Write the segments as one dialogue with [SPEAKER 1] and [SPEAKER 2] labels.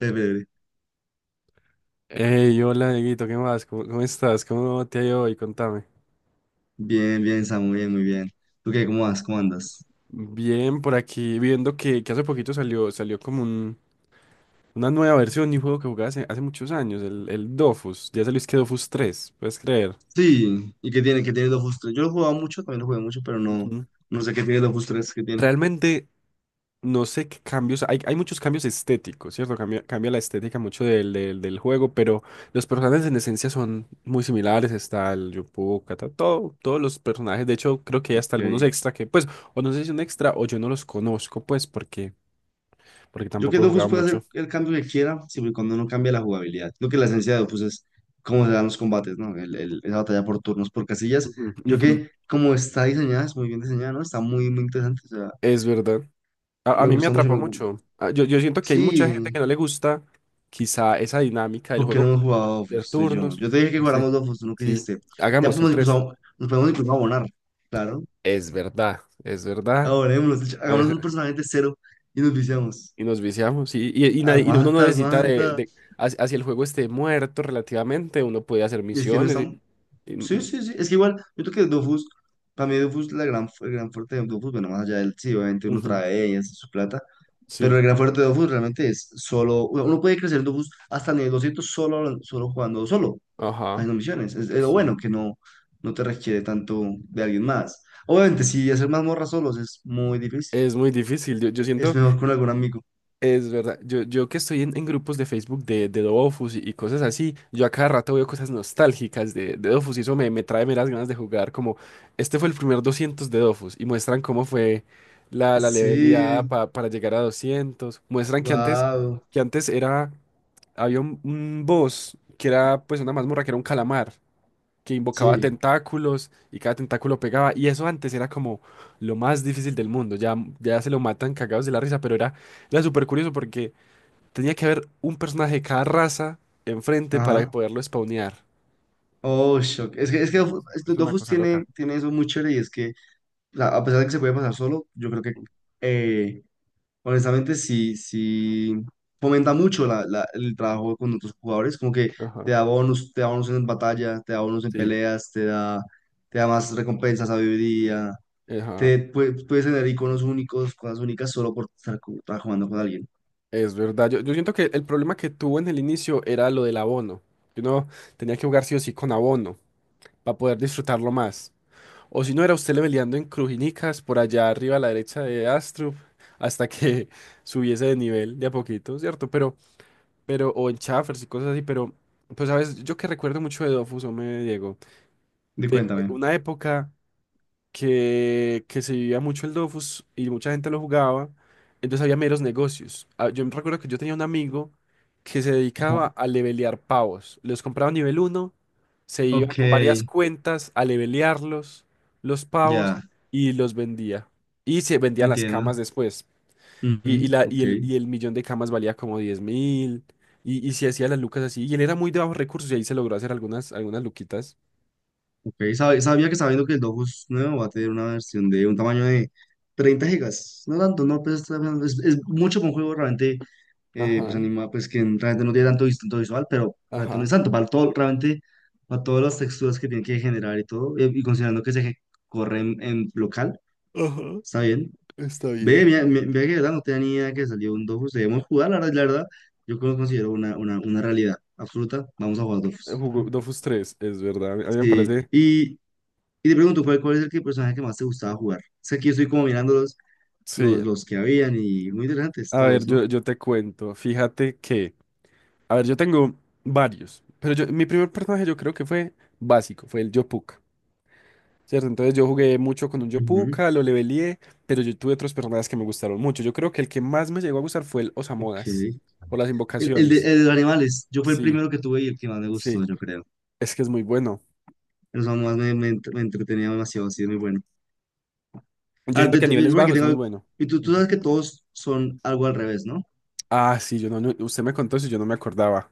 [SPEAKER 1] Chévere.
[SPEAKER 2] Hey, hola, Dieguito, ¿qué más? ¿Cómo estás? ¿Cómo te ha ido hoy? Contame.
[SPEAKER 1] Bien, bien, Samu, bien, muy bien. ¿Tú qué? ¿Cómo vas? ¿Cómo andas?
[SPEAKER 2] Bien, por aquí viendo que hace poquito salió como una nueva versión de un juego que jugaba hace muchos años, el Dofus. Ya salió es que Dofus tres, ¿puedes creer?
[SPEAKER 1] Sí, ¿y qué tiene? ¿Qué tiene Dofus tres? Yo lo jugaba mucho, también lo jugué mucho, pero no,
[SPEAKER 2] Ujú.
[SPEAKER 1] no sé qué tiene Dofus tres qué tiene.
[SPEAKER 2] Realmente, no sé qué cambios, hay muchos cambios estéticos, ¿cierto? Cambia la estética mucho del juego, pero los personajes en esencia son muy similares. Está el Yopo, Kata, todo, todos los personajes. De hecho creo que hay hasta algunos
[SPEAKER 1] Ok.
[SPEAKER 2] extra que, pues, o no sé si un extra o yo no los conozco, pues, porque
[SPEAKER 1] Yo que
[SPEAKER 2] tampoco he jugado
[SPEAKER 1] Dofus puede hacer
[SPEAKER 2] mucho.
[SPEAKER 1] el cambio que quiera, siempre y cuando no cambie la jugabilidad. Lo que la esencia de Dofus es cómo se dan los combates, ¿no? Esa batalla por turnos, por casillas.
[SPEAKER 2] Ujú,
[SPEAKER 1] Yo
[SPEAKER 2] ujú.
[SPEAKER 1] que como está diseñada, es muy bien diseñada, ¿no? Está muy, muy interesante, o sea,
[SPEAKER 2] Es verdad. A
[SPEAKER 1] me
[SPEAKER 2] mí me
[SPEAKER 1] gusta mucho,
[SPEAKER 2] atrapó mucho. Ah, yo siento que hay mucha gente que
[SPEAKER 1] Sí.
[SPEAKER 2] no le gusta quizá esa dinámica del
[SPEAKER 1] ¿Por qué no
[SPEAKER 2] juego
[SPEAKER 1] hemos jugado
[SPEAKER 2] de
[SPEAKER 1] Dofus, tú y yo?
[SPEAKER 2] turnos,
[SPEAKER 1] Yo te dije que
[SPEAKER 2] no sé.
[SPEAKER 1] jugáramos Dofus, tú no
[SPEAKER 2] Sí,
[SPEAKER 1] quisiste. Ya
[SPEAKER 2] hagamos el
[SPEAKER 1] podemos
[SPEAKER 2] tres.
[SPEAKER 1] incluso, nos podemos incluso abonar, claro.
[SPEAKER 2] Es verdad, es verdad.
[SPEAKER 1] Abonémonos, de hecho, hagámonos un
[SPEAKER 2] Ajá.
[SPEAKER 1] personaje de cero y nos viciamos.
[SPEAKER 2] Y nos viciamos. Y y uno no
[SPEAKER 1] Aguanta,
[SPEAKER 2] necesita de,
[SPEAKER 1] aguanta.
[SPEAKER 2] de- hacia, hacia el juego esté muerto relativamente. Uno puede hacer
[SPEAKER 1] Y es que no
[SPEAKER 2] misiones. y-
[SPEAKER 1] estamos.
[SPEAKER 2] y-
[SPEAKER 1] Sí,
[SPEAKER 2] mm,
[SPEAKER 1] sí, sí. Es que igual, yo creo que Dofus, para mí Dofus, el gran fuerte de Dofus, bueno, más allá del, sí, obviamente uno
[SPEAKER 2] ujú.
[SPEAKER 1] trae y hace su plata,
[SPEAKER 2] Sí,
[SPEAKER 1] pero el gran fuerte de Dofus realmente es solo. Uno puede crecer en Dofus hasta nivel 200 solo, solo jugando solo,
[SPEAKER 2] ajá,
[SPEAKER 1] haciendo misiones. Es lo bueno
[SPEAKER 2] sí.
[SPEAKER 1] que no te requiere tanto de alguien más. Obviamente, si hacer mazmorras solos es muy difícil.
[SPEAKER 2] Es muy difícil. Yo
[SPEAKER 1] Es
[SPEAKER 2] siento.
[SPEAKER 1] mejor con algún amigo.
[SPEAKER 2] Es verdad, yo que estoy en grupos de Facebook de Dofus y cosas así. Yo a cada rato veo cosas nostálgicas de Dofus y eso me trae meras ganas de jugar, como este fue el primer 200 de Dofus y muestran cómo fue la leveleada
[SPEAKER 1] Sí,
[SPEAKER 2] para llegar a 200. Muestran que antes,
[SPEAKER 1] wow.
[SPEAKER 2] que antes era, había un boss que era pues una mazmorra que era un calamar que invocaba
[SPEAKER 1] Sí,
[SPEAKER 2] tentáculos y cada tentáculo pegaba. Y eso antes era como lo más difícil del mundo. Ya se lo matan cagados de la risa, pero era súper curioso porque tenía que haber un personaje de cada raza enfrente para
[SPEAKER 1] ajá.
[SPEAKER 2] poderlo spawnear.
[SPEAKER 1] Oh, shock. Es que, es que
[SPEAKER 2] Ah,
[SPEAKER 1] Dofus,
[SPEAKER 2] sí.
[SPEAKER 1] es que
[SPEAKER 2] Es una
[SPEAKER 1] Dofus
[SPEAKER 2] cosa
[SPEAKER 1] tiene,
[SPEAKER 2] loca.
[SPEAKER 1] tiene eso muy chévere y es que a pesar de que se puede pasar solo, yo creo que eh, honestamente, sí, sí fomenta mucho el trabajo con otros jugadores, como que
[SPEAKER 2] Ajá.
[SPEAKER 1] te da bonus en batalla, te da bonus en
[SPEAKER 2] Sí,
[SPEAKER 1] peleas, te da más recompensas, sabiduría,
[SPEAKER 2] ajá.
[SPEAKER 1] puedes tener iconos únicos, cosas únicas solo por estar trabajando con alguien.
[SPEAKER 2] Es verdad. Yo siento que el problema que tuvo en el inicio era lo del abono. Que uno tenía que jugar sí o sí con abono para poder disfrutarlo más. O si no, era usted leveleando en Crujinicas, por allá arriba a la derecha de Astrup, hasta que subiese de nivel de a poquito, ¿cierto? Pero, o en Chaffers y cosas así, pero, pues, ¿sabes? Yo que recuerdo mucho de Dofus, me Diego,
[SPEAKER 1] Y
[SPEAKER 2] de
[SPEAKER 1] cuéntame.
[SPEAKER 2] una época que se vivía mucho el Dofus y mucha gente lo jugaba, entonces había meros negocios. Ah, yo me recuerdo que yo tenía un amigo que se
[SPEAKER 1] Ajá.
[SPEAKER 2] dedicaba a levelear pavos. Los compraba a nivel uno, se iba
[SPEAKER 1] Ok,
[SPEAKER 2] con varias cuentas a levelearlos, los pavos,
[SPEAKER 1] ya,
[SPEAKER 2] y los vendía. Y se vendían las
[SPEAKER 1] entiendo.
[SPEAKER 2] camas después.
[SPEAKER 1] Ujú,
[SPEAKER 2] Y, y la,
[SPEAKER 1] ok.
[SPEAKER 2] y, el, y el millón de camas valía como 10.000. Y se hacía las lucas así. Y él era muy de bajos recursos y ahí se logró hacer algunas luquitas.
[SPEAKER 1] Ok, sabía que sabiendo que el Dofus nuevo va a tener una versión de un tamaño de 30 gigas. No tanto, no, pues está bien, es mucho para un juego realmente, pues
[SPEAKER 2] Ajá,
[SPEAKER 1] anima, pues que realmente no tiene tanto distinto visual, pero realmente no es
[SPEAKER 2] ajá.
[SPEAKER 1] tanto, para todo, realmente para todas las texturas que tiene que generar y todo, y considerando que corre en, local,
[SPEAKER 2] Ajá,
[SPEAKER 1] está bien.
[SPEAKER 2] está
[SPEAKER 1] Ve,
[SPEAKER 2] bien.
[SPEAKER 1] mira, ve que de verdad no tenía ni idea que salió un Dofus, debemos jugar, la verdad, yo lo considero una realidad absoluta, vamos a jugar Dofus.
[SPEAKER 2] Jugó Dofus tres, es verdad. A mí me
[SPEAKER 1] Sí,
[SPEAKER 2] parece.
[SPEAKER 1] y. Y te pregunto, ¿cuál es personaje que más te gustaba jugar? Sé que yo estoy como mirando los,
[SPEAKER 2] Sí.
[SPEAKER 1] los, los que habían y muy interesantes
[SPEAKER 2] A ver,
[SPEAKER 1] todos, ¿no?
[SPEAKER 2] yo te cuento. Fíjate que. A ver, yo tengo varios. Pero yo, mi primer personaje yo creo que fue básico, fue el Yopuka. ¿Cierto? Entonces yo jugué mucho con un
[SPEAKER 1] Ujú,
[SPEAKER 2] Yopuka, lo leveleé, pero yo tuve otros personajes que me gustaron mucho. Yo creo que el que más me llegó a gustar fue el
[SPEAKER 1] ok.
[SPEAKER 2] Osamodas. Por las
[SPEAKER 1] El, el de,
[SPEAKER 2] invocaciones.
[SPEAKER 1] el de los animales, yo fue el
[SPEAKER 2] Sí,
[SPEAKER 1] primero que tuve y el que más me
[SPEAKER 2] sí.
[SPEAKER 1] gustó, yo creo.
[SPEAKER 2] Es que es muy bueno.
[SPEAKER 1] Los más me entretenía demasiado, así es muy bueno.
[SPEAKER 2] Yo
[SPEAKER 1] Ah,
[SPEAKER 2] siento que a niveles
[SPEAKER 1] yo creo que
[SPEAKER 2] bajos es muy
[SPEAKER 1] tengo...
[SPEAKER 2] bueno.
[SPEAKER 1] Y tú
[SPEAKER 2] Ujú.
[SPEAKER 1] sabes que todos son algo al revés, ¿no?
[SPEAKER 2] Ah, sí, yo no, no- usted me contó eso y yo no me acordaba.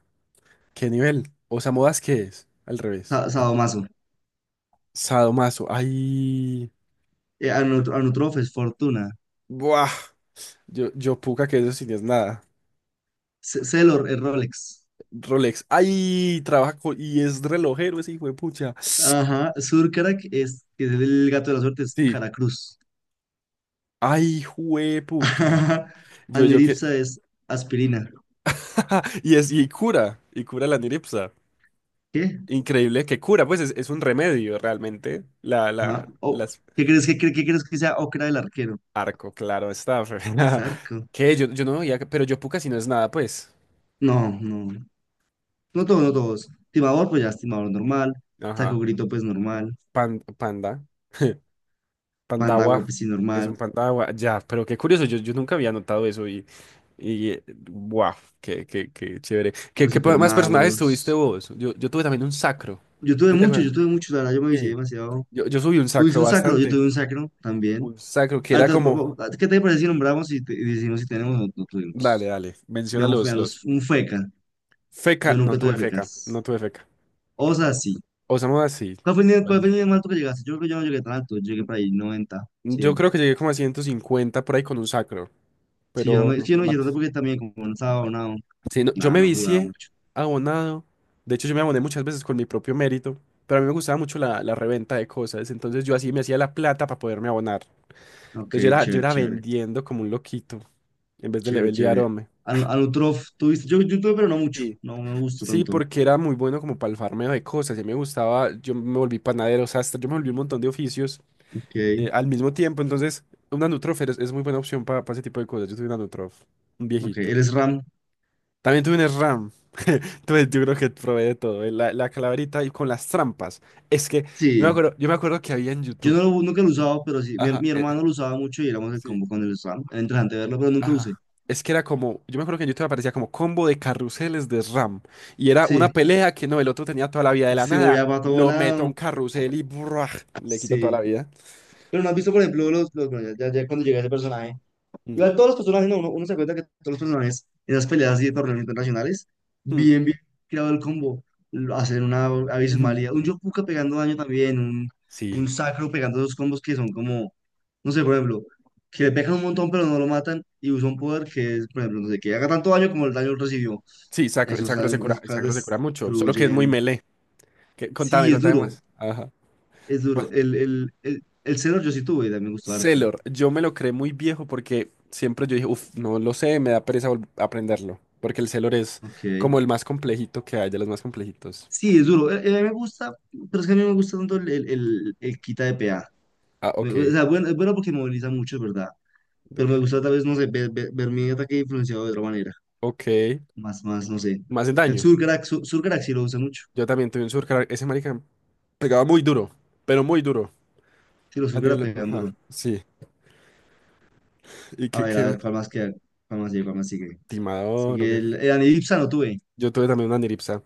[SPEAKER 2] ¿Qué nivel? ¿Osamodas qué es? Al revés.
[SPEAKER 1] Sadomaso.
[SPEAKER 2] Sadomaso. Ay.
[SPEAKER 1] Anutrofes, Fortuna.
[SPEAKER 2] Buah. Yo puca que eso sí no es nada.
[SPEAKER 1] Celor, el Rolex.
[SPEAKER 2] Rolex. Ay, trabajo y es relojero ese hijo de pucha.
[SPEAKER 1] Ajá. Surkarak es, que es el gato de la suerte, es
[SPEAKER 2] Sí.
[SPEAKER 1] Caracruz.
[SPEAKER 2] Ay, juepucha. Yo que.
[SPEAKER 1] Aniripsa es aspirina.
[SPEAKER 2] Y es, y cura. Y cura la niripsa.
[SPEAKER 1] ¿Qué?
[SPEAKER 2] Increíble que cura. Pues es un remedio realmente. La,
[SPEAKER 1] No. Oh,
[SPEAKER 2] las.
[SPEAKER 1] ¿qué crees que qué crees que sea ocra del arquero?
[SPEAKER 2] Arco, claro, está.
[SPEAKER 1] Es arco.
[SPEAKER 2] Que yo no veía, pero yo puca si no es nada, pues.
[SPEAKER 1] No, no. No todos, no todos. Timador, pues ya es timador normal. Saco
[SPEAKER 2] Ajá.
[SPEAKER 1] grito, pues normal.
[SPEAKER 2] Panda.
[SPEAKER 1] Pandagua,
[SPEAKER 2] Pandawa
[SPEAKER 1] pues sí,
[SPEAKER 2] es un
[SPEAKER 1] normal.
[SPEAKER 2] pandawa ya, pero qué curioso, yo nunca había notado eso y guau qué chévere. ¿Qué,
[SPEAKER 1] Los
[SPEAKER 2] qué más personajes tuviste
[SPEAKER 1] hipermagos.
[SPEAKER 2] vos? Yo tuve también un sacro. ¿No te acuerdas?
[SPEAKER 1] Yo tuve muchos, la verdad, yo me vicié
[SPEAKER 2] Sí.
[SPEAKER 1] demasiado.
[SPEAKER 2] Yo subí un
[SPEAKER 1] Tuviste
[SPEAKER 2] sacro
[SPEAKER 1] un sacro, yo tuve
[SPEAKER 2] bastante.
[SPEAKER 1] un sacro también.
[SPEAKER 2] Un sacro que era
[SPEAKER 1] Ahorita,
[SPEAKER 2] como,
[SPEAKER 1] ¿qué te parece si nombramos y, y decimos si tenemos o no
[SPEAKER 2] dale,
[SPEAKER 1] tuvimos?
[SPEAKER 2] dale, menciona
[SPEAKER 1] Veamos,
[SPEAKER 2] los.
[SPEAKER 1] veamos, un feca.
[SPEAKER 2] Feca,
[SPEAKER 1] Yo
[SPEAKER 2] no
[SPEAKER 1] nunca tuve
[SPEAKER 2] tuve feca, no
[SPEAKER 1] fecas.
[SPEAKER 2] tuve feca.
[SPEAKER 1] Osa, sí.
[SPEAKER 2] Osamu así.
[SPEAKER 1] ¿Cuál fue el nivel, cuál fue
[SPEAKER 2] Bueno.
[SPEAKER 1] el nivel más alto que llegaste? Yo creo que yo no llegué tan alto, yo llegué para ahí 90,
[SPEAKER 2] Yo
[SPEAKER 1] 100.
[SPEAKER 2] creo que llegué como a 150 por ahí con un sacro,
[SPEAKER 1] Sí, yo no
[SPEAKER 2] pero
[SPEAKER 1] me,
[SPEAKER 2] no,
[SPEAKER 1] si yo
[SPEAKER 2] no
[SPEAKER 1] no llegué tanto
[SPEAKER 2] más.
[SPEAKER 1] porque también como no estaba abonado,
[SPEAKER 2] Sí, no, yo
[SPEAKER 1] nada,
[SPEAKER 2] me
[SPEAKER 1] no jugaba
[SPEAKER 2] vicié
[SPEAKER 1] mucho.
[SPEAKER 2] abonado. De hecho, yo me aboné muchas veces con mi propio mérito, pero a mí me gustaba mucho la reventa de cosas. Entonces yo así me hacía la plata para poderme abonar.
[SPEAKER 1] Ok,
[SPEAKER 2] Entonces yo era, yo
[SPEAKER 1] chévere,
[SPEAKER 2] era
[SPEAKER 1] chévere,
[SPEAKER 2] vendiendo como un loquito en vez de
[SPEAKER 1] chévere,
[SPEAKER 2] levelear,
[SPEAKER 1] chévere.
[SPEAKER 2] hombre.
[SPEAKER 1] Al Anutrof, tuviste, yo tuve, pero no mucho,
[SPEAKER 2] Sí.
[SPEAKER 1] no me gustó
[SPEAKER 2] Sí,
[SPEAKER 1] tanto.
[SPEAKER 2] porque era muy bueno como para el farmeo de cosas. Y me gustaba, yo me volví panadero, sastre, yo me volví un montón de oficios
[SPEAKER 1] Ok,
[SPEAKER 2] al mismo tiempo. Entonces, una Nutrof es muy buena opción para ese tipo de cosas. Yo soy una Nutrof, un
[SPEAKER 1] ok,
[SPEAKER 2] viejito.
[SPEAKER 1] ¿eres RAM?
[SPEAKER 2] También tuve un SRAM. Entonces yo creo que probé de todo. La calaverita y con las trampas. Es que yo me
[SPEAKER 1] Sí,
[SPEAKER 2] acuerdo, yo me acuerdo que había en
[SPEAKER 1] yo
[SPEAKER 2] YouTube.
[SPEAKER 1] no lo, nunca lo he usado, pero sí, mi,
[SPEAKER 2] Ajá.
[SPEAKER 1] mi hermano lo usaba mucho y éramos el
[SPEAKER 2] Sí.
[SPEAKER 1] combo con el RAM. Era interesante verlo, pero nunca lo usé.
[SPEAKER 2] Ajá. Es que era como, yo me acuerdo que en YouTube aparecía como combo de carruseles de SRAM. Y era una
[SPEAKER 1] Sí,
[SPEAKER 2] pelea que no, el otro tenía toda la vida de
[SPEAKER 1] porque
[SPEAKER 2] la
[SPEAKER 1] se
[SPEAKER 2] nada.
[SPEAKER 1] movía para todo
[SPEAKER 2] Lo meto a un
[SPEAKER 1] lado,
[SPEAKER 2] carrusel y ¡buah! Le quito toda la
[SPEAKER 1] sí.
[SPEAKER 2] vida.
[SPEAKER 1] Pero no has visto, por ejemplo, bueno, ya, ya ya cuando llegué a ese personaje.
[SPEAKER 2] Mm,
[SPEAKER 1] Igual todos los personajes, no, uno se cuenta que todos los personajes, en esas peleas así de torneos internacionales,
[SPEAKER 2] mm,
[SPEAKER 1] bien, bien creado el combo, hacen una
[SPEAKER 2] ujú.
[SPEAKER 1] abismalidad, un Yopuka pegando daño también, un
[SPEAKER 2] Sí.
[SPEAKER 1] Sacro pegando esos combos que son como, no sé, por ejemplo, que le pegan un montón pero no lo matan y usa un poder que es, por ejemplo, no sé, que haga tanto daño como el daño recibió.
[SPEAKER 2] Sí, sacro, el
[SPEAKER 1] Esos
[SPEAKER 2] sacro se
[SPEAKER 1] daños,
[SPEAKER 2] cura,
[SPEAKER 1] esas
[SPEAKER 2] el
[SPEAKER 1] cosas
[SPEAKER 2] sacro se cura mucho. Solo que es muy
[SPEAKER 1] destruyen.
[SPEAKER 2] melee. Contame,
[SPEAKER 1] Sí, es
[SPEAKER 2] contame
[SPEAKER 1] duro,
[SPEAKER 2] más. Ajá.
[SPEAKER 1] es duro. El Xenor yo sí tuve, y también me gustó harto.
[SPEAKER 2] Sailor, yo me lo creé muy viejo porque siempre yo dije, uff, no lo sé, me da pereza aprenderlo. Porque el Sailor es
[SPEAKER 1] Ok.
[SPEAKER 2] como el más complejito que hay, de los más complejitos.
[SPEAKER 1] Sí, es duro. A mí me gusta, pero es que a mí no me gusta tanto el quita de PA.
[SPEAKER 2] Ah,
[SPEAKER 1] O
[SPEAKER 2] ok.
[SPEAKER 1] sea, bueno, es bueno porque moviliza mucho, es verdad. Pero me gusta tal vez, no sé, ver mi ataque influenciado de otra manera.
[SPEAKER 2] Ok.
[SPEAKER 1] Más, más, no sé.
[SPEAKER 2] Más en
[SPEAKER 1] El
[SPEAKER 2] daño.
[SPEAKER 1] Surcrack, Surcrack sí lo usa mucho.
[SPEAKER 2] Yo también tuve un Surcar. Ese marica pegaba muy duro, pero muy duro.
[SPEAKER 1] Sí, los
[SPEAKER 2] A
[SPEAKER 1] Surcrack
[SPEAKER 2] nivel.
[SPEAKER 1] pegan
[SPEAKER 2] Ajá,
[SPEAKER 1] duro.
[SPEAKER 2] sí. ¿Y qué, qué?
[SPEAKER 1] A
[SPEAKER 2] Más?
[SPEAKER 1] ver, ¿cuál más queda? ¿Cuál más sigue? ¿Cuál más sigue?
[SPEAKER 2] Timador, ¿o
[SPEAKER 1] Sigue
[SPEAKER 2] qué?
[SPEAKER 1] el Anidipsa no tuve.
[SPEAKER 2] Yo tuve también una Niripsa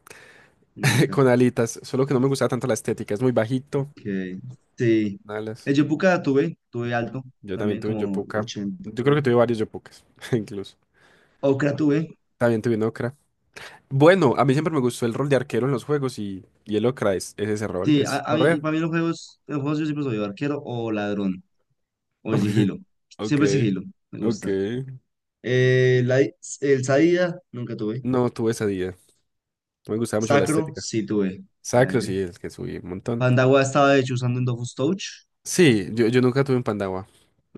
[SPEAKER 1] Nunca.
[SPEAKER 2] con alitas, solo que no me gustaba tanto la estética. Es muy bajito.
[SPEAKER 1] Okay. Sí.
[SPEAKER 2] Alas.
[SPEAKER 1] El Yopuka tuve. Tuve alto.
[SPEAKER 2] Yo también
[SPEAKER 1] También
[SPEAKER 2] tuve un
[SPEAKER 1] como
[SPEAKER 2] Yopuka.
[SPEAKER 1] 80
[SPEAKER 2] Yo creo que
[SPEAKER 1] tuve.
[SPEAKER 2] tuve varios Yopukas, incluso.
[SPEAKER 1] Okra tuve.
[SPEAKER 2] También tuve un Okra. Bueno, a mí siempre me gustó el rol de arquero en los juegos y el Ocra es ese rol,
[SPEAKER 1] Sí, a,
[SPEAKER 2] es
[SPEAKER 1] a mí,
[SPEAKER 2] correr.
[SPEAKER 1] para mí los juegos, en los juegos yo siempre soy o arquero o ladrón, o de sigilo.
[SPEAKER 2] Ok,
[SPEAKER 1] Siempre sigilo, me
[SPEAKER 2] ok.
[SPEAKER 1] gusta. Eh, la- el Sadida, nunca tuve.
[SPEAKER 2] No tuve esa idea. No me gustaba mucho la
[SPEAKER 1] Sacro,
[SPEAKER 2] estética.
[SPEAKER 1] sí tuve,
[SPEAKER 2] Sacro,
[SPEAKER 1] obviamente.
[SPEAKER 2] sí, el que subí un montón.
[SPEAKER 1] Pandagua estaba de hecho usando en Dofus Touch,
[SPEAKER 2] Sí, yo nunca tuve un Pandawa.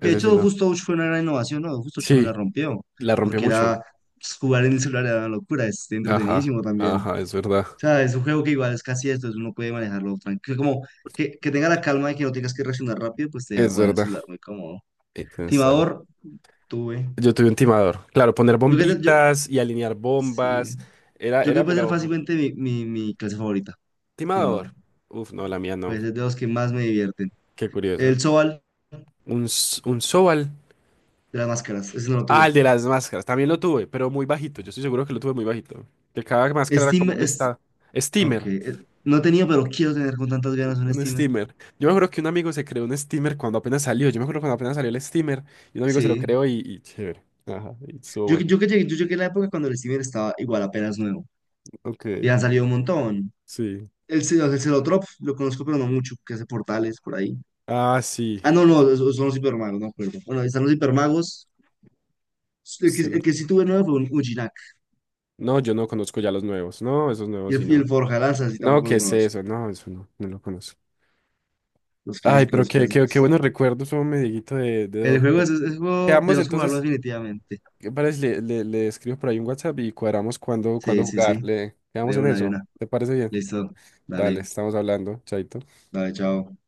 [SPEAKER 1] que de hecho
[SPEAKER 2] sí no.
[SPEAKER 1] Dofus Touch fue una gran innovación, ¿no? Dofus Touch también la
[SPEAKER 2] Sí,
[SPEAKER 1] rompió,
[SPEAKER 2] la rompió
[SPEAKER 1] porque
[SPEAKER 2] mucho.
[SPEAKER 1] era pues, jugar en el celular era una locura, es
[SPEAKER 2] Ajá,
[SPEAKER 1] entretenidísimo también.
[SPEAKER 2] ajá,
[SPEAKER 1] O
[SPEAKER 2] es verdad.
[SPEAKER 1] sea, es un juego que igual es casi esto, es uno puede manejarlo tranquilo, como que tenga la calma de que no tengas que reaccionar rápido, pues te deja
[SPEAKER 2] Es
[SPEAKER 1] jugar en el
[SPEAKER 2] verdad.
[SPEAKER 1] celular muy cómodo.
[SPEAKER 2] Tienes toda
[SPEAKER 1] Timador, tuve.
[SPEAKER 2] Yo tuve un timador. Claro, poner
[SPEAKER 1] Yo creo que,
[SPEAKER 2] bombitas y alinear
[SPEAKER 1] sí.
[SPEAKER 2] bombas. Era,
[SPEAKER 1] Yo creo que
[SPEAKER 2] era,
[SPEAKER 1] puede
[SPEAKER 2] mira,
[SPEAKER 1] ser
[SPEAKER 2] ojo,
[SPEAKER 1] fácilmente mi clase favorita, estimador.
[SPEAKER 2] timador. Uf, no, la mía no.
[SPEAKER 1] Puede ser de los que más me divierten.
[SPEAKER 2] Qué curioso.
[SPEAKER 1] El Sobal
[SPEAKER 2] Un Sobal.
[SPEAKER 1] de las máscaras, ese no lo
[SPEAKER 2] Ah,
[SPEAKER 1] tuve.
[SPEAKER 2] el de las máscaras. También lo tuve, pero muy bajito. Yo estoy seguro que lo tuve muy bajito. Que cada máscara era
[SPEAKER 1] Steam,
[SPEAKER 2] como un
[SPEAKER 1] es, ok.
[SPEAKER 2] steamer.
[SPEAKER 1] No tenía, pero quiero tener con tantas ganas un
[SPEAKER 2] Un
[SPEAKER 1] steamer.
[SPEAKER 2] steamer. Yo me acuerdo que un amigo se creó un steamer cuando apenas salió. Yo me acuerdo cuando apenas salió el steamer. Y un amigo se lo
[SPEAKER 1] Sí.
[SPEAKER 2] creó y chévere. Ajá, y estuvo
[SPEAKER 1] Yo, que-
[SPEAKER 2] bueno.
[SPEAKER 1] yo que llegué, yo llegué a la época cuando el steamer estaba igual apenas nuevo.
[SPEAKER 2] Ok,
[SPEAKER 1] Y han salido un montón.
[SPEAKER 2] sí.
[SPEAKER 1] El Celotrop, lo conozco, pero no mucho, que hace portales por ahí.
[SPEAKER 2] Ah, sí.
[SPEAKER 1] Ah, no,
[SPEAKER 2] Ya
[SPEAKER 1] no, esos son los hipermagos, no acuerdo. Bueno, ahí están los hipermagos. El que,
[SPEAKER 2] se lo-
[SPEAKER 1] el que sí tuve nuevo fue un Ujinak.
[SPEAKER 2] No, yo no conozco ya los nuevos. No, esos
[SPEAKER 1] Y
[SPEAKER 2] nuevos sí
[SPEAKER 1] el, y el
[SPEAKER 2] no.
[SPEAKER 1] Forja Lanzas, y
[SPEAKER 2] No,
[SPEAKER 1] tampoco
[SPEAKER 2] ¿qué
[SPEAKER 1] lo
[SPEAKER 2] es
[SPEAKER 1] conozco.
[SPEAKER 2] eso? No, eso no. No lo conozco.
[SPEAKER 1] Los
[SPEAKER 2] Ay,
[SPEAKER 1] clásicos,
[SPEAKER 2] pero
[SPEAKER 1] los
[SPEAKER 2] qué
[SPEAKER 1] clásicos.
[SPEAKER 2] buenos recuerdos, un mediguito
[SPEAKER 1] El
[SPEAKER 2] Dove.
[SPEAKER 1] juego es juego,
[SPEAKER 2] Quedamos
[SPEAKER 1] tenemos que jugarlo
[SPEAKER 2] entonces.
[SPEAKER 1] definitivamente.
[SPEAKER 2] ¿Qué parece? Le escribo por ahí un WhatsApp y cuadramos cuándo
[SPEAKER 1] Sí, sí,
[SPEAKER 2] jugar.
[SPEAKER 1] sí.
[SPEAKER 2] Le quedamos
[SPEAKER 1] De
[SPEAKER 2] en
[SPEAKER 1] una, de
[SPEAKER 2] eso.
[SPEAKER 1] una.
[SPEAKER 2] ¿Te parece bien?
[SPEAKER 1] Listo.
[SPEAKER 2] Dale,
[SPEAKER 1] Dale,
[SPEAKER 2] estamos hablando. Chaito.
[SPEAKER 1] dale, chao.